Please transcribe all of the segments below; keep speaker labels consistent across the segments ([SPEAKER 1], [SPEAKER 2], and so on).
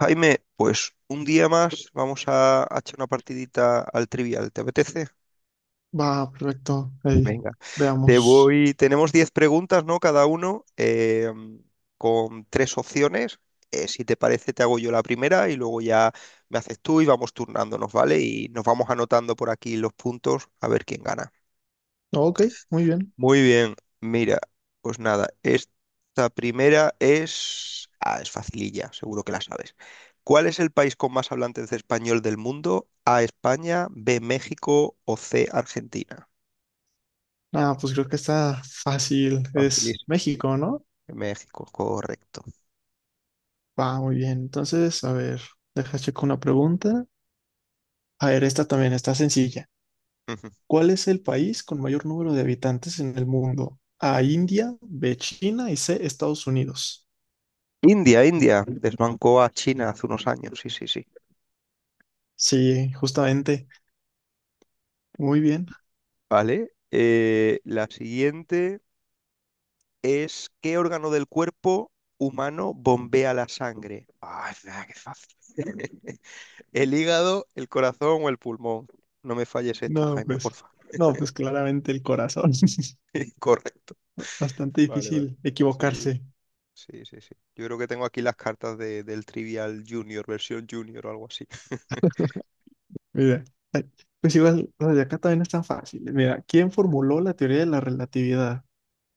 [SPEAKER 1] Jaime, pues un día más vamos a echar una partidita al trivial, ¿te apetece?
[SPEAKER 2] Va, perfecto. Ahí,
[SPEAKER 1] Venga, te
[SPEAKER 2] veamos.
[SPEAKER 1] voy, tenemos 10 preguntas, ¿no? Cada uno con 3 opciones. Si te parece, te hago yo la primera y luego ya me haces tú y vamos turnándonos, ¿vale? Y nos vamos anotando por aquí los puntos a ver quién gana.
[SPEAKER 2] Ok, muy bien.
[SPEAKER 1] Muy bien, mira, pues nada, esta primera es... Ah, es facililla, seguro que la sabes. ¿Cuál es el país con más hablantes de español del mundo? A, España, B, México o C, Argentina.
[SPEAKER 2] Ah, pues creo que está fácil. Es
[SPEAKER 1] Facilísimo.
[SPEAKER 2] México, ¿no?
[SPEAKER 1] México, correcto.
[SPEAKER 2] Va, muy bien. Entonces, a ver, deja checo una pregunta. A ver, esta también está sencilla.
[SPEAKER 1] Ujú.
[SPEAKER 2] ¿Cuál es el país con mayor número de habitantes en el mundo? A, India, B, China y C, Estados Unidos.
[SPEAKER 1] India, India, desbancó a China hace unos años, sí, sí, sí.
[SPEAKER 2] Sí, justamente. Muy bien.
[SPEAKER 1] Vale, la siguiente es ¿qué órgano del cuerpo humano bombea la sangre? Ah, es verdad, qué fácil. El hígado, el corazón o el pulmón. No me falles esta,
[SPEAKER 2] No,
[SPEAKER 1] Jaime, por
[SPEAKER 2] pues,
[SPEAKER 1] favor.
[SPEAKER 2] no, pues claramente el corazón.
[SPEAKER 1] Correcto.
[SPEAKER 2] Bastante
[SPEAKER 1] Vale, vale.
[SPEAKER 2] difícil
[SPEAKER 1] Sí,
[SPEAKER 2] equivocarse.
[SPEAKER 1] sí, sí, sí. Yo creo que tengo aquí las cartas del Trivial Junior, versión Junior o algo así.
[SPEAKER 2] Mira, ay, pues igual, las de acá también no es tan fácil. Mira, ¿quién formuló la teoría de la relatividad?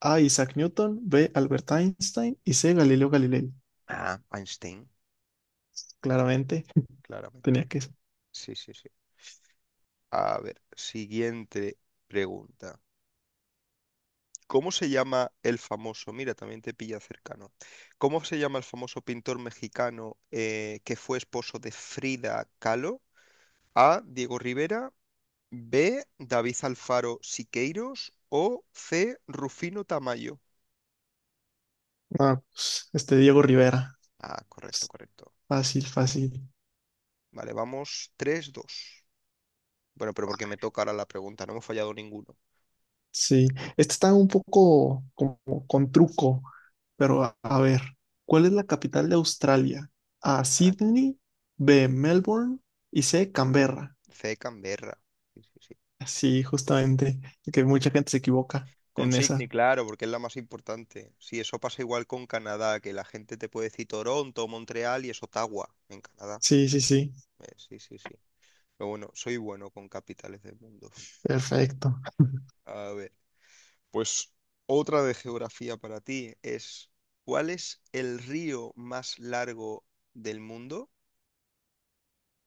[SPEAKER 2] A. Isaac Newton, B. Albert Einstein y C. Galileo Galilei.
[SPEAKER 1] Ah, Einstein,
[SPEAKER 2] Claramente, tenía
[SPEAKER 1] claramente.
[SPEAKER 2] que ser.
[SPEAKER 1] Sí, sí, sí. A ver, siguiente pregunta. ¿Cómo se llama el famoso? Mira, también te pilla cercano. ¿Cómo se llama el famoso pintor mexicano que fue esposo de Frida Kahlo? A, Diego Rivera. B, David Alfaro Siqueiros o C, Rufino Tamayo.
[SPEAKER 2] Ah, pues, este Diego Rivera.
[SPEAKER 1] Ah, correcto,
[SPEAKER 2] Pues,
[SPEAKER 1] correcto.
[SPEAKER 2] fácil, fácil.
[SPEAKER 1] Vale, vamos tres, dos. Bueno, pero porque me toca ahora la pregunta, no hemos fallado ninguno.
[SPEAKER 2] Sí, este está un poco como con truco, pero a ver, ¿cuál es la capital de Australia? A.
[SPEAKER 1] Ah,
[SPEAKER 2] Sydney, B. Melbourne y C. Canberra.
[SPEAKER 1] C, Canberra. Sí, sí, sí.
[SPEAKER 2] Sí, justamente, que mucha gente se equivoca
[SPEAKER 1] Con
[SPEAKER 2] en
[SPEAKER 1] Sydney,
[SPEAKER 2] esa.
[SPEAKER 1] claro, porque es la más importante. Sí, eso pasa igual con Canadá, que la gente te puede decir Toronto, Montreal y es Ottawa en Canadá.
[SPEAKER 2] Sí, sí, sí,
[SPEAKER 1] Sí, sí, sí. Pero bueno, soy bueno con capitales del mundo.
[SPEAKER 2] perfecto.
[SPEAKER 1] A ver. Pues otra de geografía para ti es, ¿cuál es el río más largo del mundo?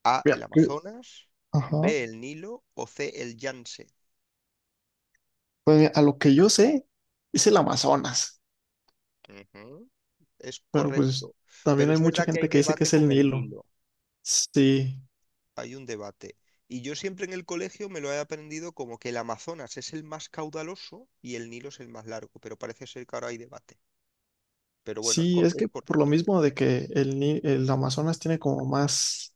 [SPEAKER 1] A, el
[SPEAKER 2] Mira,
[SPEAKER 1] Amazonas,
[SPEAKER 2] ajá.
[SPEAKER 1] B, el Nilo o C, el Yangtze.
[SPEAKER 2] Pues mira, a lo que yo sé, es el Amazonas,
[SPEAKER 1] Ujú. Es
[SPEAKER 2] pero pues
[SPEAKER 1] correcto,
[SPEAKER 2] también
[SPEAKER 1] pero
[SPEAKER 2] hay
[SPEAKER 1] es
[SPEAKER 2] mucha
[SPEAKER 1] verdad que hay
[SPEAKER 2] gente que dice que
[SPEAKER 1] debate
[SPEAKER 2] es el
[SPEAKER 1] con el
[SPEAKER 2] Nilo.
[SPEAKER 1] Nilo,
[SPEAKER 2] Sí,
[SPEAKER 1] hay un debate. Y yo siempre en el colegio me lo he aprendido como que el Amazonas es el más caudaloso y el Nilo es el más largo, pero parece ser que ahora hay debate. Pero bueno, es,
[SPEAKER 2] sí, es
[SPEAKER 1] es
[SPEAKER 2] que por lo
[SPEAKER 1] correcto.
[SPEAKER 2] mismo de que el, Ni- el Amazonas tiene como más,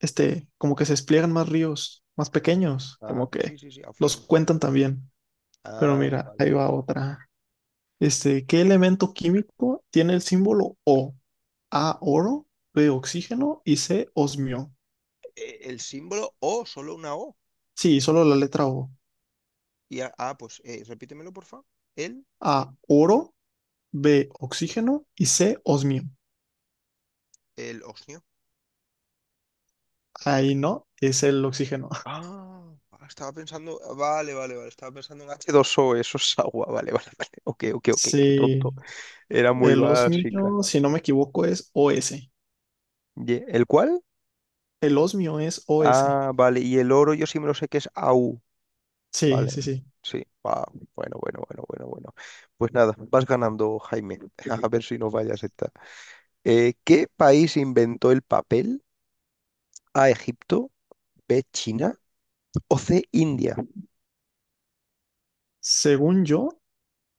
[SPEAKER 2] este, como que se despliegan más ríos, más pequeños,
[SPEAKER 1] Ajá,
[SPEAKER 2] como que
[SPEAKER 1] sí, sí, sí,
[SPEAKER 2] los
[SPEAKER 1] afluente.
[SPEAKER 2] cuentan también. Pero
[SPEAKER 1] Ah,
[SPEAKER 2] mira,
[SPEAKER 1] vale,
[SPEAKER 2] ahí
[SPEAKER 1] vale.
[SPEAKER 2] va otra. Este, ¿qué elemento químico tiene el símbolo O? A, oro, B, oxígeno y C, osmio.
[SPEAKER 1] El símbolo O, solo una O.
[SPEAKER 2] Sí, solo la letra O.
[SPEAKER 1] Y ah, pues repítemelo, porfa. El,
[SPEAKER 2] A, oro, B, oxígeno y C, osmio.
[SPEAKER 1] el osnio.
[SPEAKER 2] Ahí no, es el oxígeno.
[SPEAKER 1] Ah, ah, estaba pensando. Ah, vale, vale, vale. Estaba pensando en H2O, eso es agua. Vale, vale, vale. Ok, ok, ok, qué
[SPEAKER 2] Sí,
[SPEAKER 1] tonto. Era muy
[SPEAKER 2] el
[SPEAKER 1] básica.
[SPEAKER 2] osmio, si no me equivoco, es Os.
[SPEAKER 1] ¿El cuál?
[SPEAKER 2] El osmio es Os.
[SPEAKER 1] Ah, vale. Y el oro yo sí me lo sé que es AU.
[SPEAKER 2] Sí,
[SPEAKER 1] Vale.
[SPEAKER 2] sí, sí.
[SPEAKER 1] Sí. Ah, bueno, bueno, bueno, bueno, bueno. Pues nada, vas ganando, Jaime. A ver si nos vayas esta. ¿Qué país inventó el papel? A, Egipto. B, China. O C, India.
[SPEAKER 2] Según yo,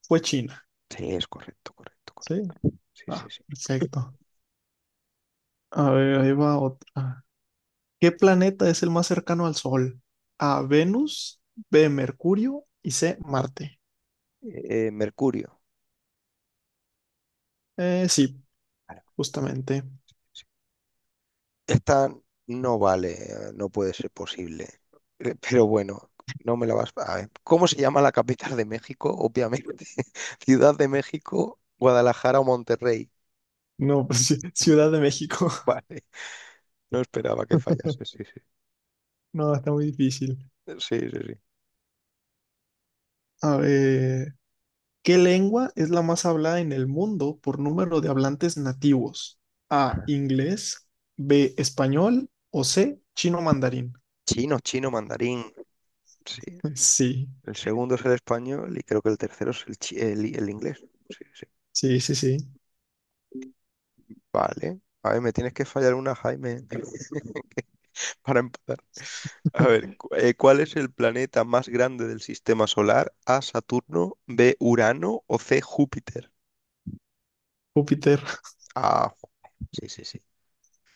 [SPEAKER 2] fue China.
[SPEAKER 1] Sí, es correcto, correcto,
[SPEAKER 2] Sí.
[SPEAKER 1] correcto. Sí, sí,
[SPEAKER 2] Ah,
[SPEAKER 1] sí.
[SPEAKER 2] perfecto. A ver, ahí va otra. ¿Qué planeta es el más cercano al Sol? A, Venus, B, Mercurio y C, Marte.
[SPEAKER 1] Mercurio.
[SPEAKER 2] Sí,
[SPEAKER 1] Vale, vale,
[SPEAKER 2] justamente.
[SPEAKER 1] sí. Esta no vale, no puede ser posible. Pero bueno, no me la vas a ver. ¿Cómo se llama la capital de México? Obviamente. Ciudad de México, Guadalajara o Monterrey.
[SPEAKER 2] No, pues, Ciudad de México.
[SPEAKER 1] Vale. No esperaba que fallase. Sí, sí.
[SPEAKER 2] No, está muy difícil.
[SPEAKER 1] Sí, sí, sí.
[SPEAKER 2] A ver, ¿qué lengua es la más hablada en el mundo por número de hablantes nativos? A, inglés, B, español o C, chino mandarín.
[SPEAKER 1] Chino, chino, mandarín. Sí. El segundo es el español y creo que el tercero es el inglés. Sí, sí.
[SPEAKER 2] Sí, sí, sí, sí.
[SPEAKER 1] Vale. A ver, me tienes que fallar una, Jaime, para empatar. A ver, ¿cuál es el planeta más grande del sistema solar? A, Saturno, B, Urano o C, Júpiter.
[SPEAKER 2] Júpiter.
[SPEAKER 1] Ah, jo- sí, sí, sí.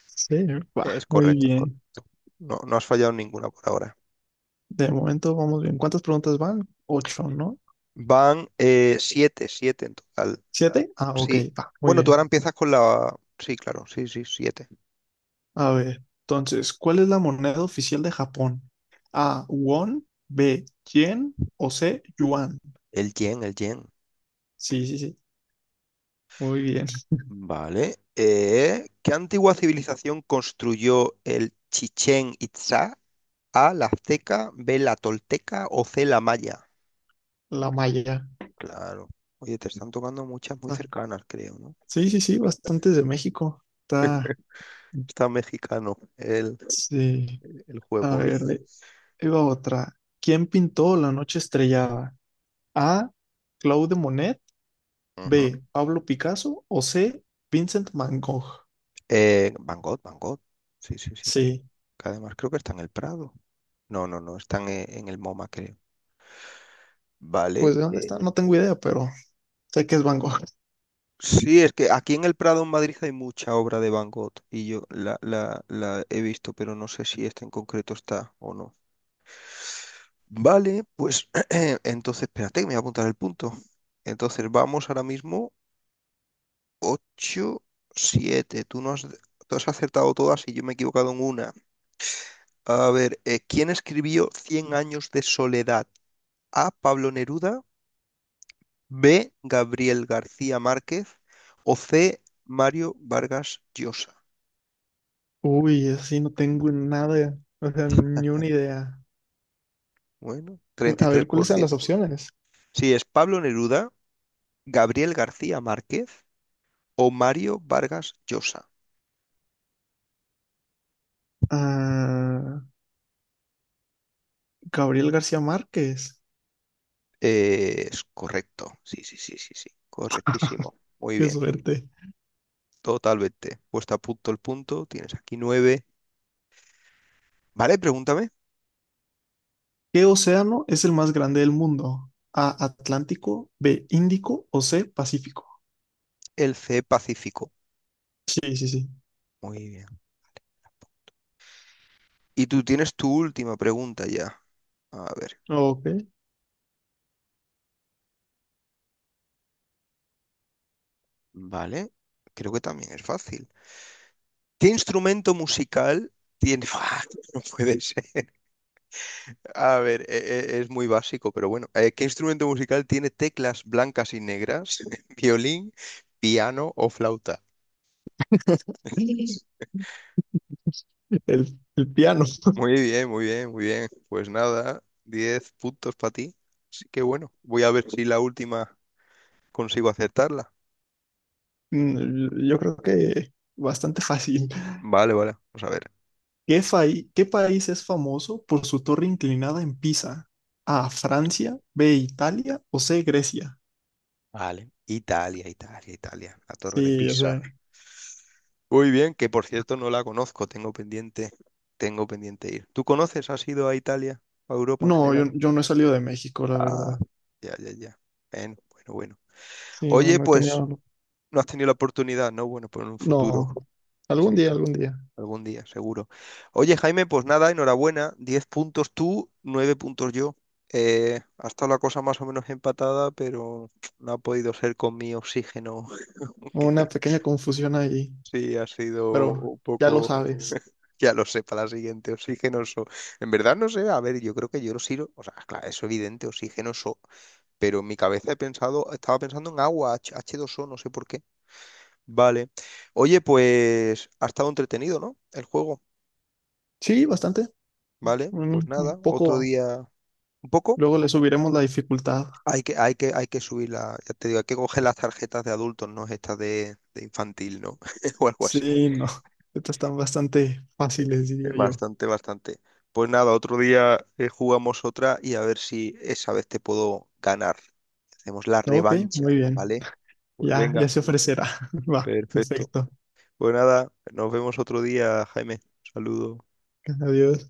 [SPEAKER 2] Sí, va,
[SPEAKER 1] Es
[SPEAKER 2] muy
[SPEAKER 1] correcto, es
[SPEAKER 2] bien.
[SPEAKER 1] correcto. No, no has fallado ninguna por ahora.
[SPEAKER 2] De momento vamos bien. ¿Cuántas preguntas van? Ocho, ¿no?
[SPEAKER 1] Van siete, siete en total.
[SPEAKER 2] ¿Siete? Ah, ok,
[SPEAKER 1] Sí.
[SPEAKER 2] va, muy
[SPEAKER 1] Bueno, tú
[SPEAKER 2] bien.
[SPEAKER 1] ahora empiezas con la... Sí, claro, sí, sí, siete.
[SPEAKER 2] A ver, entonces, ¿cuál es la moneda oficial de Japón? A, won, B, yen o C, yuan.
[SPEAKER 1] El yen, el yen.
[SPEAKER 2] Sí, sí, sí. Muy bien,
[SPEAKER 1] Vale. ¿Qué antigua civilización construyó el Chichén Itzá? A, la azteca, B, la tolteca o C, la maya.
[SPEAKER 2] la malla.
[SPEAKER 1] Claro. Oye, te están tocando muchas muy
[SPEAKER 2] Ah,
[SPEAKER 1] cercanas, creo, ¿no?
[SPEAKER 2] sí, sí, sí, bastantes de México. Está,
[SPEAKER 1] Está mexicano
[SPEAKER 2] sí.
[SPEAKER 1] el
[SPEAKER 2] A
[SPEAKER 1] juego. Oye.
[SPEAKER 2] ver, ahí va otra. ¿Quién pintó La noche estrellada? A. Claude Monet.
[SPEAKER 1] Ujú.
[SPEAKER 2] B. Pablo Picasso. O C. Vincent Van Gogh.
[SPEAKER 1] Van Gogh, Van Gogh. Sí, sí, sí.
[SPEAKER 2] Sí.
[SPEAKER 1] Que además creo que está en el Prado. No, no, no, están en el MoMA, creo. Vale.
[SPEAKER 2] Pues, ¿de dónde está? No tengo idea, pero sé que es Van Gogh.
[SPEAKER 1] Sí, es que aquí en el Prado, en Madrid, hay mucha obra de Van Gogh y yo la he visto, pero no sé si esta en concreto está o no. Vale, pues entonces, espérate, que me voy a apuntar el punto. Entonces, vamos ahora mismo ocho 7. Tú, no has, tú has acertado todas y yo me he equivocado en una. A ver, ¿quién escribió Cien años de soledad? A, Pablo Neruda. B, Gabriel García Márquez. O C, Mario Vargas Llosa.
[SPEAKER 2] Uy, así no tengo nada, o sea, ni una idea.
[SPEAKER 1] Bueno, treinta y
[SPEAKER 2] A
[SPEAKER 1] tres
[SPEAKER 2] ver,
[SPEAKER 1] por
[SPEAKER 2] ¿cuáles son
[SPEAKER 1] ciento.
[SPEAKER 2] las opciones?
[SPEAKER 1] Sí, es Pablo Neruda, Gabriel García Márquez o Mario Vargas Llosa.
[SPEAKER 2] Ah, Gabriel García Márquez.
[SPEAKER 1] Es correcto. Sí, sí, sí, sí, sí. Correctísimo. Muy
[SPEAKER 2] Qué
[SPEAKER 1] bien.
[SPEAKER 2] suerte.
[SPEAKER 1] Totalmente. Puesta a punto el punto. Tienes aquí 9. Vale, pregúntame.
[SPEAKER 2] ¿Qué océano es el más grande del mundo? A, Atlántico, B, Índico o C, Pacífico.
[SPEAKER 1] El C Pacífico.
[SPEAKER 2] Sí, sí, sí.
[SPEAKER 1] Muy bien. Y tú tienes tu última pregunta ya. A ver,
[SPEAKER 2] Ok.
[SPEAKER 1] vale. Creo que también es fácil. ¿Qué instrumento musical tiene... ¡Ah! No puede ser. A ver, es muy básico, pero bueno. ¿Qué instrumento musical tiene teclas blancas y negras? ¿Violín, piano o flauta?
[SPEAKER 2] El piano.
[SPEAKER 1] Muy bien, muy bien, muy bien. Pues nada, 10 puntos para ti. Así que bueno, voy a ver si la última consigo acertarla.
[SPEAKER 2] Yo creo que bastante fácil.
[SPEAKER 1] Vale, vale, vamos a ver.
[SPEAKER 2] ¿Qué país es famoso por su torre inclinada en Pisa? A, Francia, B, Italia o C, Grecia.
[SPEAKER 1] Vale. Italia, Italia, Italia. La Torre de
[SPEAKER 2] Sí, o
[SPEAKER 1] Pisa.
[SPEAKER 2] sea,
[SPEAKER 1] Muy bien, que por cierto no la conozco, tengo pendiente ir. ¿Tú conoces? ¿Has ido a Italia, a Europa en
[SPEAKER 2] no, yo,
[SPEAKER 1] general?
[SPEAKER 2] yo no he salido de México, la
[SPEAKER 1] Ah,
[SPEAKER 2] verdad.
[SPEAKER 1] ya, ya, ya. Bueno, bueno, bueno.
[SPEAKER 2] Sí, no,
[SPEAKER 1] Oye,
[SPEAKER 2] no he
[SPEAKER 1] pues
[SPEAKER 2] tenido,
[SPEAKER 1] no has tenido la oportunidad, ¿no? Bueno, pues en un futuro,
[SPEAKER 2] no, algún
[SPEAKER 1] sí,
[SPEAKER 2] día, algún día.
[SPEAKER 1] algún día, seguro. Oye, Jaime, pues nada, enhorabuena. 10 puntos tú, 9 puntos yo. Ha estado la cosa más o menos empatada, pero no ha podido ser con mi oxígeno.
[SPEAKER 2] Una pequeña confusión ahí.
[SPEAKER 1] Sí, ha sido
[SPEAKER 2] Pero
[SPEAKER 1] un
[SPEAKER 2] ya lo
[SPEAKER 1] poco,
[SPEAKER 2] sabes.
[SPEAKER 1] ya lo sé, para la siguiente, oxigenoso. En verdad no sé, a ver, yo creo que yo lo sirvo, o sea, claro, es evidente, oxigenoso, pero en mi cabeza he pensado, estaba pensando en agua, H2O, no sé por qué. Vale. Oye, pues ha estado entretenido, ¿no? El juego,
[SPEAKER 2] Sí, bastante.
[SPEAKER 1] ¿vale? Pues
[SPEAKER 2] Un
[SPEAKER 1] nada, otro
[SPEAKER 2] poco.
[SPEAKER 1] día, un poco,
[SPEAKER 2] Luego le subiremos la dificultad.
[SPEAKER 1] hay que subir la, ya te digo, hay que coger las tarjetas de adultos, no estas de infantil, ¿no? O algo así.
[SPEAKER 2] Sí, no. Estas están bastante fáciles, diría yo.
[SPEAKER 1] Bastante, bastante. Pues nada, otro día jugamos otra y a ver si esa vez te puedo ganar. Hacemos la
[SPEAKER 2] Ok, muy
[SPEAKER 1] revancha,
[SPEAKER 2] bien.
[SPEAKER 1] ¿vale? Pues
[SPEAKER 2] Ya, ya
[SPEAKER 1] venga,
[SPEAKER 2] se ofrecerá. Va,
[SPEAKER 1] perfecto.
[SPEAKER 2] perfecto.
[SPEAKER 1] Pues nada, nos vemos otro día, Jaime. Saludos.
[SPEAKER 2] Adiós.